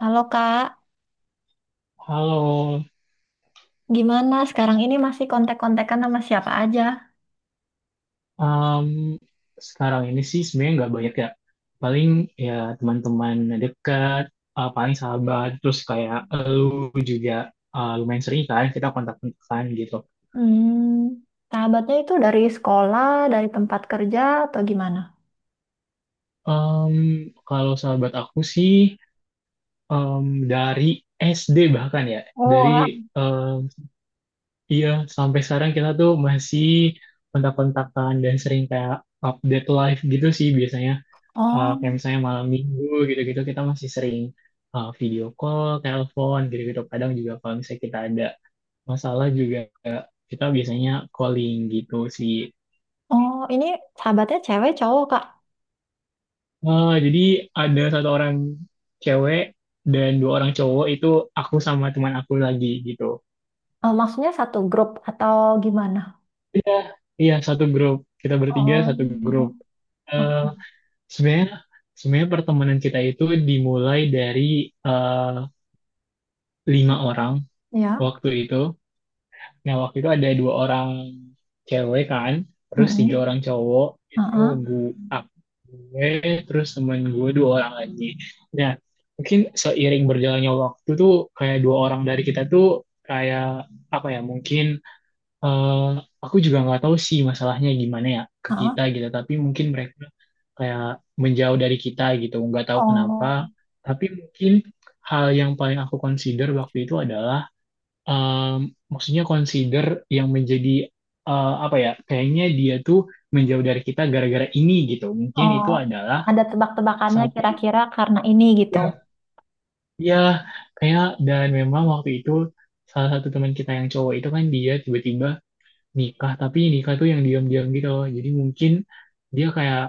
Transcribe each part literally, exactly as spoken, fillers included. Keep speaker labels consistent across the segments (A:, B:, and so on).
A: Halo Kak,
B: Halo,
A: gimana sekarang ini masih kontak-kontakan sama siapa aja?
B: em, sekarang ini sih sebenarnya nggak banyak ya. Paling ya teman-teman dekat, eh, paling sahabat, terus kayak lu juga eh, lumayan sering kan kita kontak-kontakan gitu.
A: Hmm, sahabatnya itu dari sekolah, dari tempat kerja, atau gimana?
B: Em, kalau sahabat aku sih em, dari S D bahkan ya,
A: Oh, wah.
B: dari em, iya, sampai sekarang kita tuh masih kontak-kontakan dan sering kayak update live gitu sih biasanya. Eh, kayak
A: oh,
B: misalnya malam minggu gitu-gitu kita masih sering eh, video call, telepon gitu-gitu. Kadang juga kalau misalnya kita ada masalah juga, eh, kita biasanya calling gitu sih.
A: oh, ini sahabatnya cewek cowok Kak?
B: Eh, jadi ada satu orang cewek dan dua orang cowok, itu aku sama teman aku lagi gitu.
A: Eh, maksudnya satu grup atau gimana?
B: Iya, iya satu grup. Kita bertiga satu grup.
A: Oh,
B: Eh
A: oh,
B: sebenarnya sebenarnya pertemanan kita itu dimulai dari, eh, lima orang
A: ya,
B: waktu itu. Nah, waktu itu ada dua orang cewek kan, terus tiga
A: mm.
B: orang cowok, itu
A: Ah.
B: gue, gue, terus temen gue dua orang lagi. Nah, mungkin seiring berjalannya waktu tuh, kayak dua orang dari kita tuh, kayak, apa ya, mungkin, eh, aku juga nggak tahu sih masalahnya gimana ya ke
A: Ah.
B: kita gitu, tapi mungkin mereka kayak menjauh dari kita gitu, nggak tahu kenapa,
A: Oh,
B: tapi mungkin hal yang paling aku consider waktu itu adalah, um, maksudnya consider yang menjadi, uh, apa ya, kayaknya dia tuh menjauh dari kita gara-gara ini gitu, mungkin
A: oh,
B: itu adalah
A: ada tebak-tebakannya
B: satu,
A: kira-kira karena ini gitu.
B: ya, ya, kayak, dan memang waktu itu salah satu teman kita yang cowok itu kan dia tiba-tiba nikah, tapi nikah tuh yang diam-diam gitu, jadi mungkin dia kayak,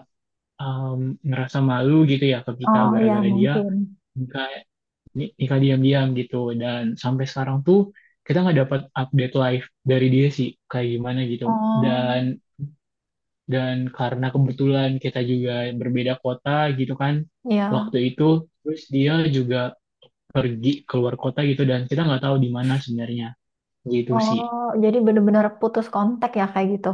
B: um, ngerasa malu gitu ya ke kita
A: Oh, ya
B: gara-gara dia
A: mungkin.
B: nikah, ni- nikah diam-diam gitu, dan sampai sekarang tuh kita nggak dapat update live dari dia sih kayak gimana gitu.
A: Oh,
B: Dan dan karena kebetulan kita juga berbeda kota gitu kan
A: ya.
B: waktu itu, terus dia juga pergi keluar kota gitu dan kita nggak tahu di mana sebenarnya gitu sih.
A: Oh, jadi bener-bener putus kontak ya kayak gitu.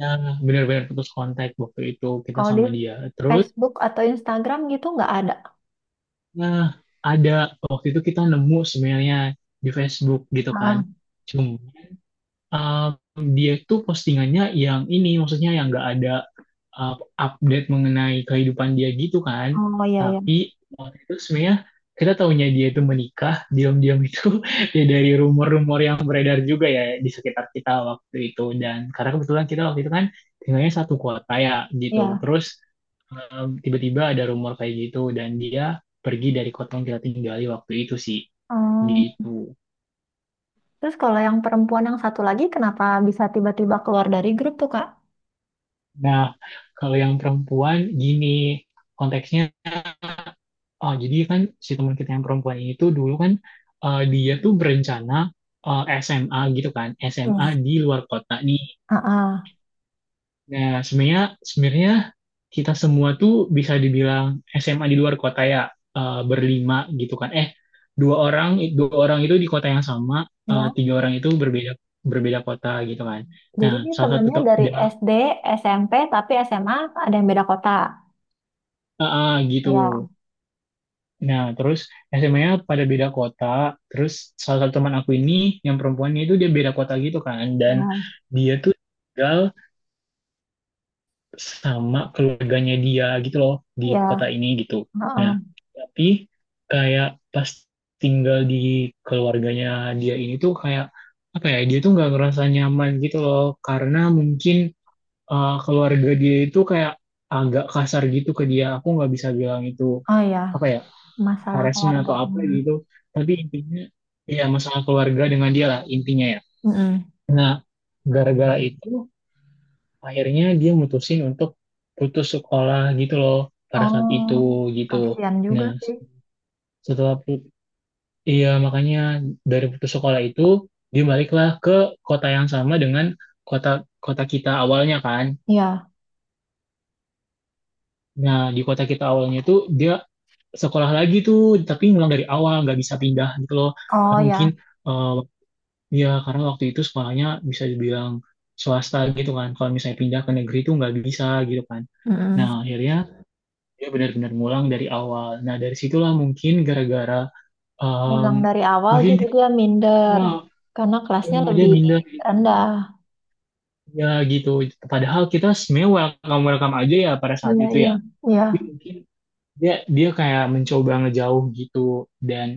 B: Nah, benar-benar putus kontak waktu itu kita
A: Kalau di
B: sama dia. Terus,
A: Facebook atau Instagram gitu nggak ada.
B: nah, ada, waktu itu kita nemu sebenarnya di Facebook gitu kan.
A: Ah,
B: Um, dia itu postingannya yang ini, maksudnya yang nggak ada, uh, update mengenai kehidupan dia gitu kan.
A: oh iya iya
B: Tapi waktu itu sebenarnya kita tahunya dia itu menikah, diam-diam itu ya dari rumor-rumor yang beredar juga ya di sekitar kita waktu itu. Dan karena kebetulan kita waktu itu kan tinggalnya satu kota ya gitu.
A: iya.
B: Terus, um, tiba-tiba ada rumor kayak gitu dan dia pergi dari kota yang kita tinggali waktu itu sih
A: Hmm.
B: gitu.
A: Terus kalau yang perempuan yang satu lagi kenapa bisa tiba-tiba keluar dari grup tuh Kak?
B: Nah, kalau yang perempuan gini konteksnya, oh jadi kan si teman kita yang perempuan ini tuh dulu kan, eh, dia tuh berencana, eh, S M A gitu kan, S M A
A: Hmm.
B: di luar kota nih.
A: Ah, ah,
B: Nah, sebenarnya sebenarnya kita semua tuh bisa dibilang S M A di luar kota ya, eh, berlima gitu kan. Eh, dua orang dua orang itu di kota yang sama, eh,
A: ya.
B: tiga orang itu berbeda berbeda kota gitu kan. Nah,
A: Jadi ini
B: salah satu
A: temennya
B: tuh
A: dari
B: dia-
A: S D, S M P, tapi S M A ada yang beda kota.
B: ah, ah, gitu.
A: Ya,
B: Nah, terus S M A-nya pada beda kota. Terus salah satu teman aku ini yang perempuannya itu dia beda kota gitu kan. Dan
A: ya,
B: dia tuh tinggal sama keluarganya dia gitu loh di kota
A: ya.
B: ini gitu.
A: Ah,
B: Nah,
A: ah.
B: tapi kayak pas tinggal di keluarganya dia ini tuh kayak apa ya? Dia tuh nggak ngerasa nyaman gitu loh karena mungkin, eh, keluarga dia itu kayak agak kasar gitu ke dia. Aku nggak bisa bilang itu
A: Oh ya,
B: apa ya?
A: masalah
B: Harassment atau apa
A: keluarganya.
B: gitu, tapi intinya ya masalah keluarga dengan dia lah intinya ya.
A: Mm-mm.
B: Nah, gara-gara itu akhirnya dia mutusin untuk putus sekolah gitu loh pada saat
A: Oh,
B: itu gitu.
A: kasihan juga
B: Nah,
A: sih.
B: setelah put- iya makanya, dari putus sekolah itu dia baliklah ke kota yang sama dengan kota kota kita awalnya kan.
A: Ya.
B: Nah, di kota kita awalnya itu dia sekolah lagi tuh, tapi ngulang dari awal nggak bisa pindah gitu loh,
A: Oh
B: karena mungkin,
A: ya.
B: eh, Iya, karena waktu itu sekolahnya bisa dibilang swasta gitu kan. Kalau misalnya pindah ke negeri itu nggak bisa gitu kan. Nah,
A: Mm-mm.
B: akhirnya dia benar-benar ngulang dari awal. Nah, dari situlah mungkin gara-gara, em,
A: Ulang dari awal
B: mungkin
A: jadi
B: dia
A: dia minder
B: ya,
A: karena kelasnya
B: ya, dia
A: lebih
B: minder gitu.
A: rendah.
B: Ya gitu. Padahal kita sebenarnya welcome welcome aja ya pada saat
A: Iya,
B: itu
A: iya,
B: ya.
A: iya,
B: Tapi mungkin dia dia kayak mencoba ngejauh gitu dan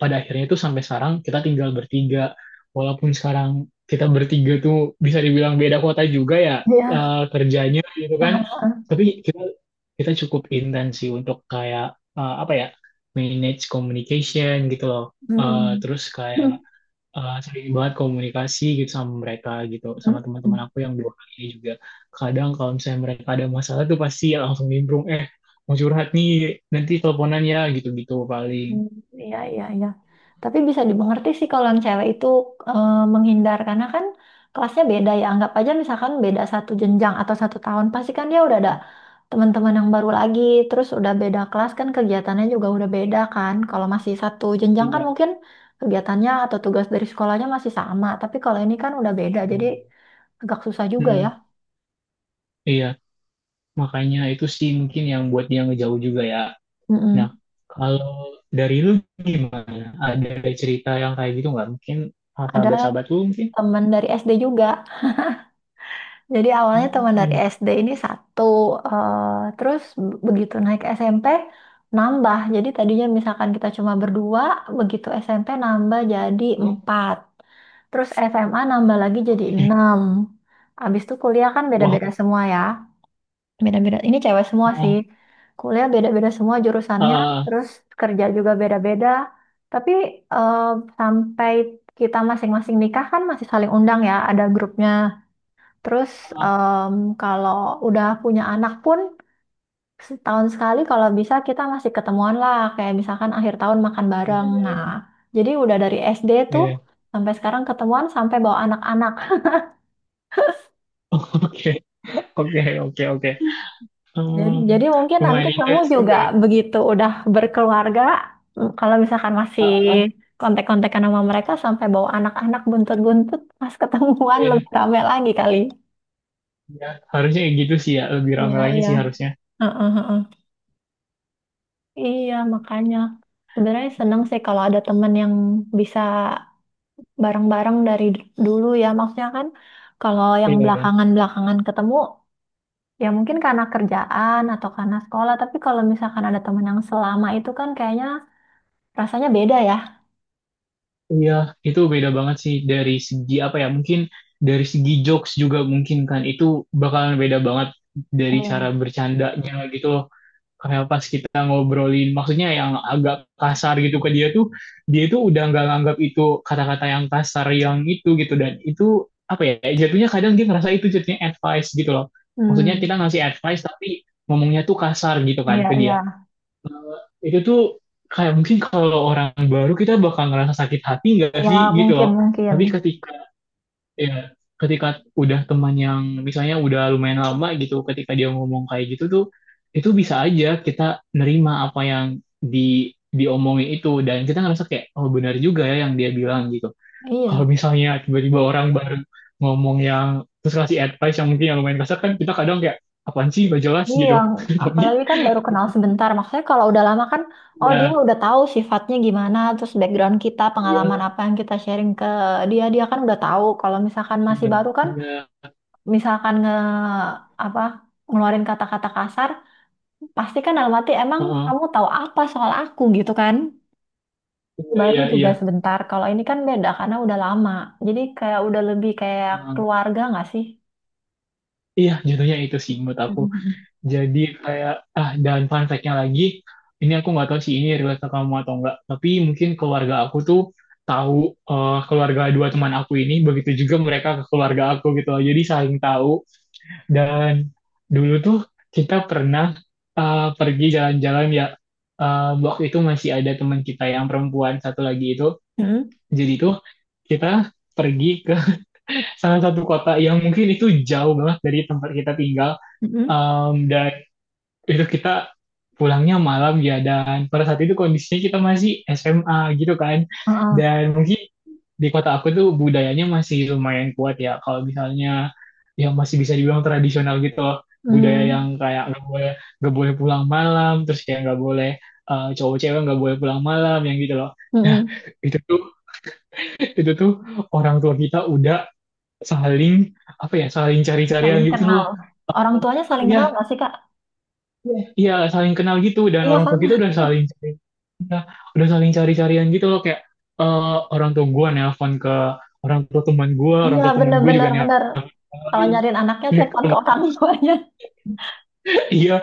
B: pada akhirnya itu sampai sekarang kita tinggal bertiga. Walaupun sekarang kita bertiga tuh bisa dibilang beda kota juga ya,
A: iya.
B: eh, kerjanya gitu kan.
A: Ah, ah.
B: Tapi kita kita cukup intens sih untuk kayak, eh, apa ya, manage communication gitu loh. Eh,
A: Mm-mm.
B: terus kayak, eh, sering banget komunikasi gitu sama mereka gitu sama teman-teman aku yang dua kali ini juga. Kadang kalau misalnya mereka ada masalah tuh pasti langsung nimbrung, eh, mau curhat nih nanti teleponan ya gitu-gitu paling.
A: Hmm. Iya, iya, iya. Tapi bisa dimengerti sih kalau yang cewek itu eh, menghindar karena kan kelasnya beda ya. Anggap aja misalkan beda satu jenjang atau satu tahun, pasti kan dia udah ada teman-teman yang baru lagi. Terus udah beda kelas kan kegiatannya juga udah beda kan. Kalau masih satu jenjang kan
B: Iya.
A: mungkin kegiatannya atau tugas dari sekolahnya masih sama. Tapi kalau ini kan udah beda, jadi agak susah juga ya.
B: Mm, iya, makanya itu sih mungkin yang buat dia ngejauh juga ya. Nah,
A: Mm-mm.
B: kalau dari lu gimana? Ada cerita yang kayak gitu nggak? Mungkin, ah,
A: Ada
B: sahabat-sahabat lu mungkin?
A: teman dari S D juga. Jadi awalnya teman dari
B: Hmm.
A: S D ini satu, eh, terus b- begitu naik S M P nambah. Jadi tadinya misalkan kita cuma berdua, begitu S M P nambah jadi
B: Oh.
A: empat. Terus S M A nambah lagi jadi enam. Abis itu kuliah kan beda-beda
B: Wow.
A: semua ya. Beda-beda. Ini cewek semua sih.
B: Oh.
A: Kuliah beda-beda semua jurusannya,
B: Ah,
A: terus kerja juga beda-beda. Tapi eh, sampai kita masing-masing nikah kan masih saling undang ya, ada grupnya. Terus
B: ah.
A: em, kalau udah punya anak pun setahun sekali kalau bisa kita masih ketemuan lah kayak misalkan akhir tahun makan
B: Iya,
A: bareng. Nah,
B: iya,
A: jadi udah dari S D tuh
B: iya.
A: sampai sekarang ketemuan sampai bawa anak-anak.
B: Oke, oke, oke, oke.
A: Jadi
B: Hmm,
A: jadi mungkin nanti
B: lumayan
A: kamu
B: intens juga
A: juga
B: ya.
A: begitu udah berkeluarga, mm, kalau misalkan masih
B: Ah, ah,
A: kontak-kontakan sama mereka sampai bawa anak-anak buntut-buntut pas ketemuan
B: iya,
A: lebih rame lagi kali.
B: iya. Harusnya kayak gitu sih ya. Lebih ramai
A: Iya,
B: lagi
A: iya.
B: sih harusnya.
A: Heeh, heeh. Iya, makanya sebenarnya seneng sih kalau ada temen yang bisa bareng-bareng dari d- dulu ya. Maksudnya kan kalau yang
B: Iya, iya.
A: belakangan-belakangan ketemu ya mungkin karena kerjaan atau karena sekolah. Tapi kalau misalkan ada temen yang selama itu kan kayaknya rasanya beda ya.
B: Iya, itu beda banget sih dari segi apa ya? Mungkin dari segi jokes juga mungkin kan itu bakalan beda banget dari cara
A: Iya.
B: bercandanya gitu loh. Kayak pas kita ngobrolin, maksudnya yang agak kasar gitu ke dia tuh, dia tuh udah nggak nganggap itu kata-kata yang kasar yang itu gitu dan itu apa ya? Jatuhnya kadang dia ngerasa itu jatuhnya advice gitu loh. Maksudnya kita
A: Hmm.
B: ngasih advice tapi ngomongnya tuh kasar gitu kan
A: Iya,
B: ke dia.
A: iya.
B: Eh, itu tuh kayak mungkin kalau orang baru kita bakal ngerasa sakit hati nggak
A: Iya
B: sih gitu
A: mungkin,
B: loh.
A: mungkin.
B: Tapi ketika ya ketika udah teman yang misalnya udah lumayan lama gitu, ketika dia ngomong kayak gitu tuh itu bisa aja kita nerima apa yang di diomongin itu dan kita ngerasa kayak oh benar juga ya yang dia bilang gitu. Kalau
A: Iya.
B: misalnya tiba-tiba orang baru ngomong yang terus kasih advice yang mungkin yang lumayan kasar kan kita kadang kayak apaan sih gak jelas
A: Iya,
B: gitu. Tapi
A: apalagi kan baru kenal sebentar. Maksudnya kalau udah lama kan, oh dia
B: ya,
A: udah tahu sifatnya gimana, terus background kita, pengalaman
B: iya,
A: apa yang kita sharing ke dia, dia kan udah tahu. Kalau misalkan masih
B: iya,
A: baru kan,
B: iya.
A: misalkan nge apa ngeluarin kata-kata kasar, pasti kan dalam hati emang
B: Heeh.
A: kamu tahu apa soal aku gitu kan?
B: Iya,
A: Baru
B: iya, iya.
A: juga sebentar. Kalau ini kan beda karena udah lama. Jadi kayak udah lebih kayak
B: Heeh.
A: keluarga nggak sih?
B: Iya, jatuhnya itu sih menurut aku.
A: Mm,
B: Jadi kayak, ah, dan fun fact-nya lagi, ini aku nggak tahu sih ini relate ke kamu atau enggak, tapi mungkin keluarga aku tuh tahu, eh, keluarga dua teman aku ini, begitu juga mereka ke keluarga aku gitu loh. Jadi saling tahu. Dan dulu tuh kita pernah, eh, pergi jalan-jalan ya, eh, waktu itu masih ada teman kita yang perempuan satu lagi itu.
A: mm, mm.
B: Jadi tuh kita pergi ke salah satu kota yang mungkin itu jauh banget dari tempat kita tinggal.
A: Mm-mm. Mm, mm.
B: Em, dan itu kita pulangnya malam ya dan pada saat itu kondisinya kita masih S M A gitu kan.
A: Heeh.
B: Dan mungkin di kota aku tuh budayanya masih lumayan kuat ya kalau misalnya ya masih bisa dibilang tradisional gitu loh. Budaya
A: Hmm.
B: yang kayak nggak boleh nggak boleh pulang malam, terus kayak nggak boleh, eh, cowok cewek nggak boleh pulang malam yang gitu loh. Nah,
A: Mm-mm.
B: itu tuh itu tuh orang tua kita udah saling apa ya, saling cari-carian
A: Saling
B: gitu loh.
A: kenal. Orang tuanya saling kenal
B: Ya,
A: nggak sih, Kak?
B: ya saling kenal gitu dan
A: Iya
B: orang tua
A: kan?
B: kita udah saling cari, ya, udah saling cari-carian gitu loh kayak, eh, orang tua gua nelpon ke orang tua teman gue, orang
A: Iya,
B: tua teman gue juga
A: bener-bener. Bener. Bener, bener.
B: nelpon
A: Kalau nyariin anaknya,
B: ke
A: telepon ke
B: temannya.
A: orang tuanya.
B: Iya,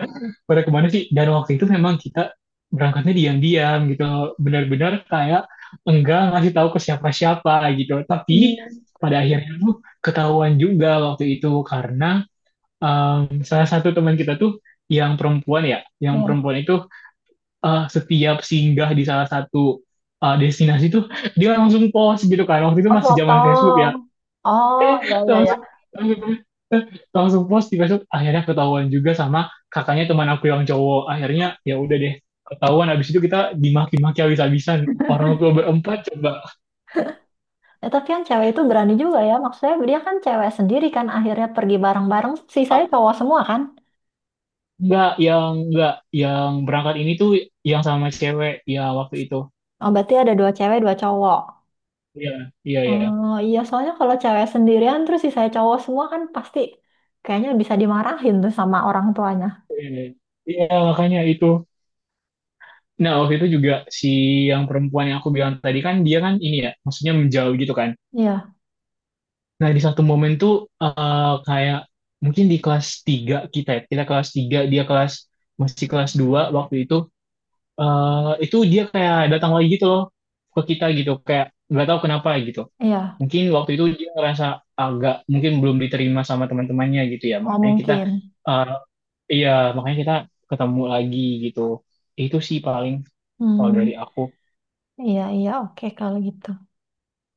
B: pada kemana sih. Dan waktu itu memang kita berangkatnya diam-diam gitu, benar-benar kayak enggak ngasih tahu ke siapa-siapa gitu. Tapi
A: Hmm.
B: pada akhirnya tuh ketahuan juga waktu itu karena, um, salah satu teman kita tuh yang perempuan ya, yang
A: Iya.
B: perempuan itu, uh, setiap singgah di salah satu, uh, destinasi tuh dia langsung post gitu kan. Waktu itu
A: Oh,
B: masih zaman Facebook ya.
A: foto. Oh,
B: Eh,
A: ya, ya, ya.
B: langsung langsung langsung post di Facebook. Akhirnya ketahuan juga sama kakaknya teman aku yang cowok. Akhirnya ya udah deh, ketahuan habis itu kita dimaki-maki habis-habisan orang tua berempat coba.
A: Ya, tapi yang cewek itu berani juga ya. Maksudnya dia kan cewek sendiri kan. Akhirnya pergi bareng-bareng. Sisanya
B: Ah,
A: cowok semua kan?
B: enggak, yang enggak, yang berangkat ini tuh yang sama cewek ya waktu itu,
A: Oh, berarti ada dua cewek, dua cowok.
B: iya, iya, iya,
A: Oh, iya. Soalnya kalau cewek sendirian, terus sisanya cowok semua kan pasti kayaknya bisa dimarahin tuh sama orang tuanya.
B: iya, makanya itu. Nah, waktu itu juga si yang perempuan yang aku bilang tadi kan dia kan ini ya, maksudnya menjauh gitu kan.
A: Iya,
B: Nah, di satu momen tuh, eh, kayak mungkin di kelas tiga kita ya, kita kelas tiga dia kelas masih kelas dua waktu itu, eh, itu dia kayak datang lagi gitu loh ke kita gitu, kayak nggak tahu kenapa gitu.
A: iya.
B: Mungkin waktu itu dia ngerasa agak mungkin belum diterima sama teman-temannya gitu ya.
A: Oh,
B: Makanya kita,
A: mungkin.
B: eh, iya, makanya kita ketemu lagi gitu. Itu sih paling kalau
A: Hmm.
B: dari aku.
A: Iya, iya, oke kalau gitu.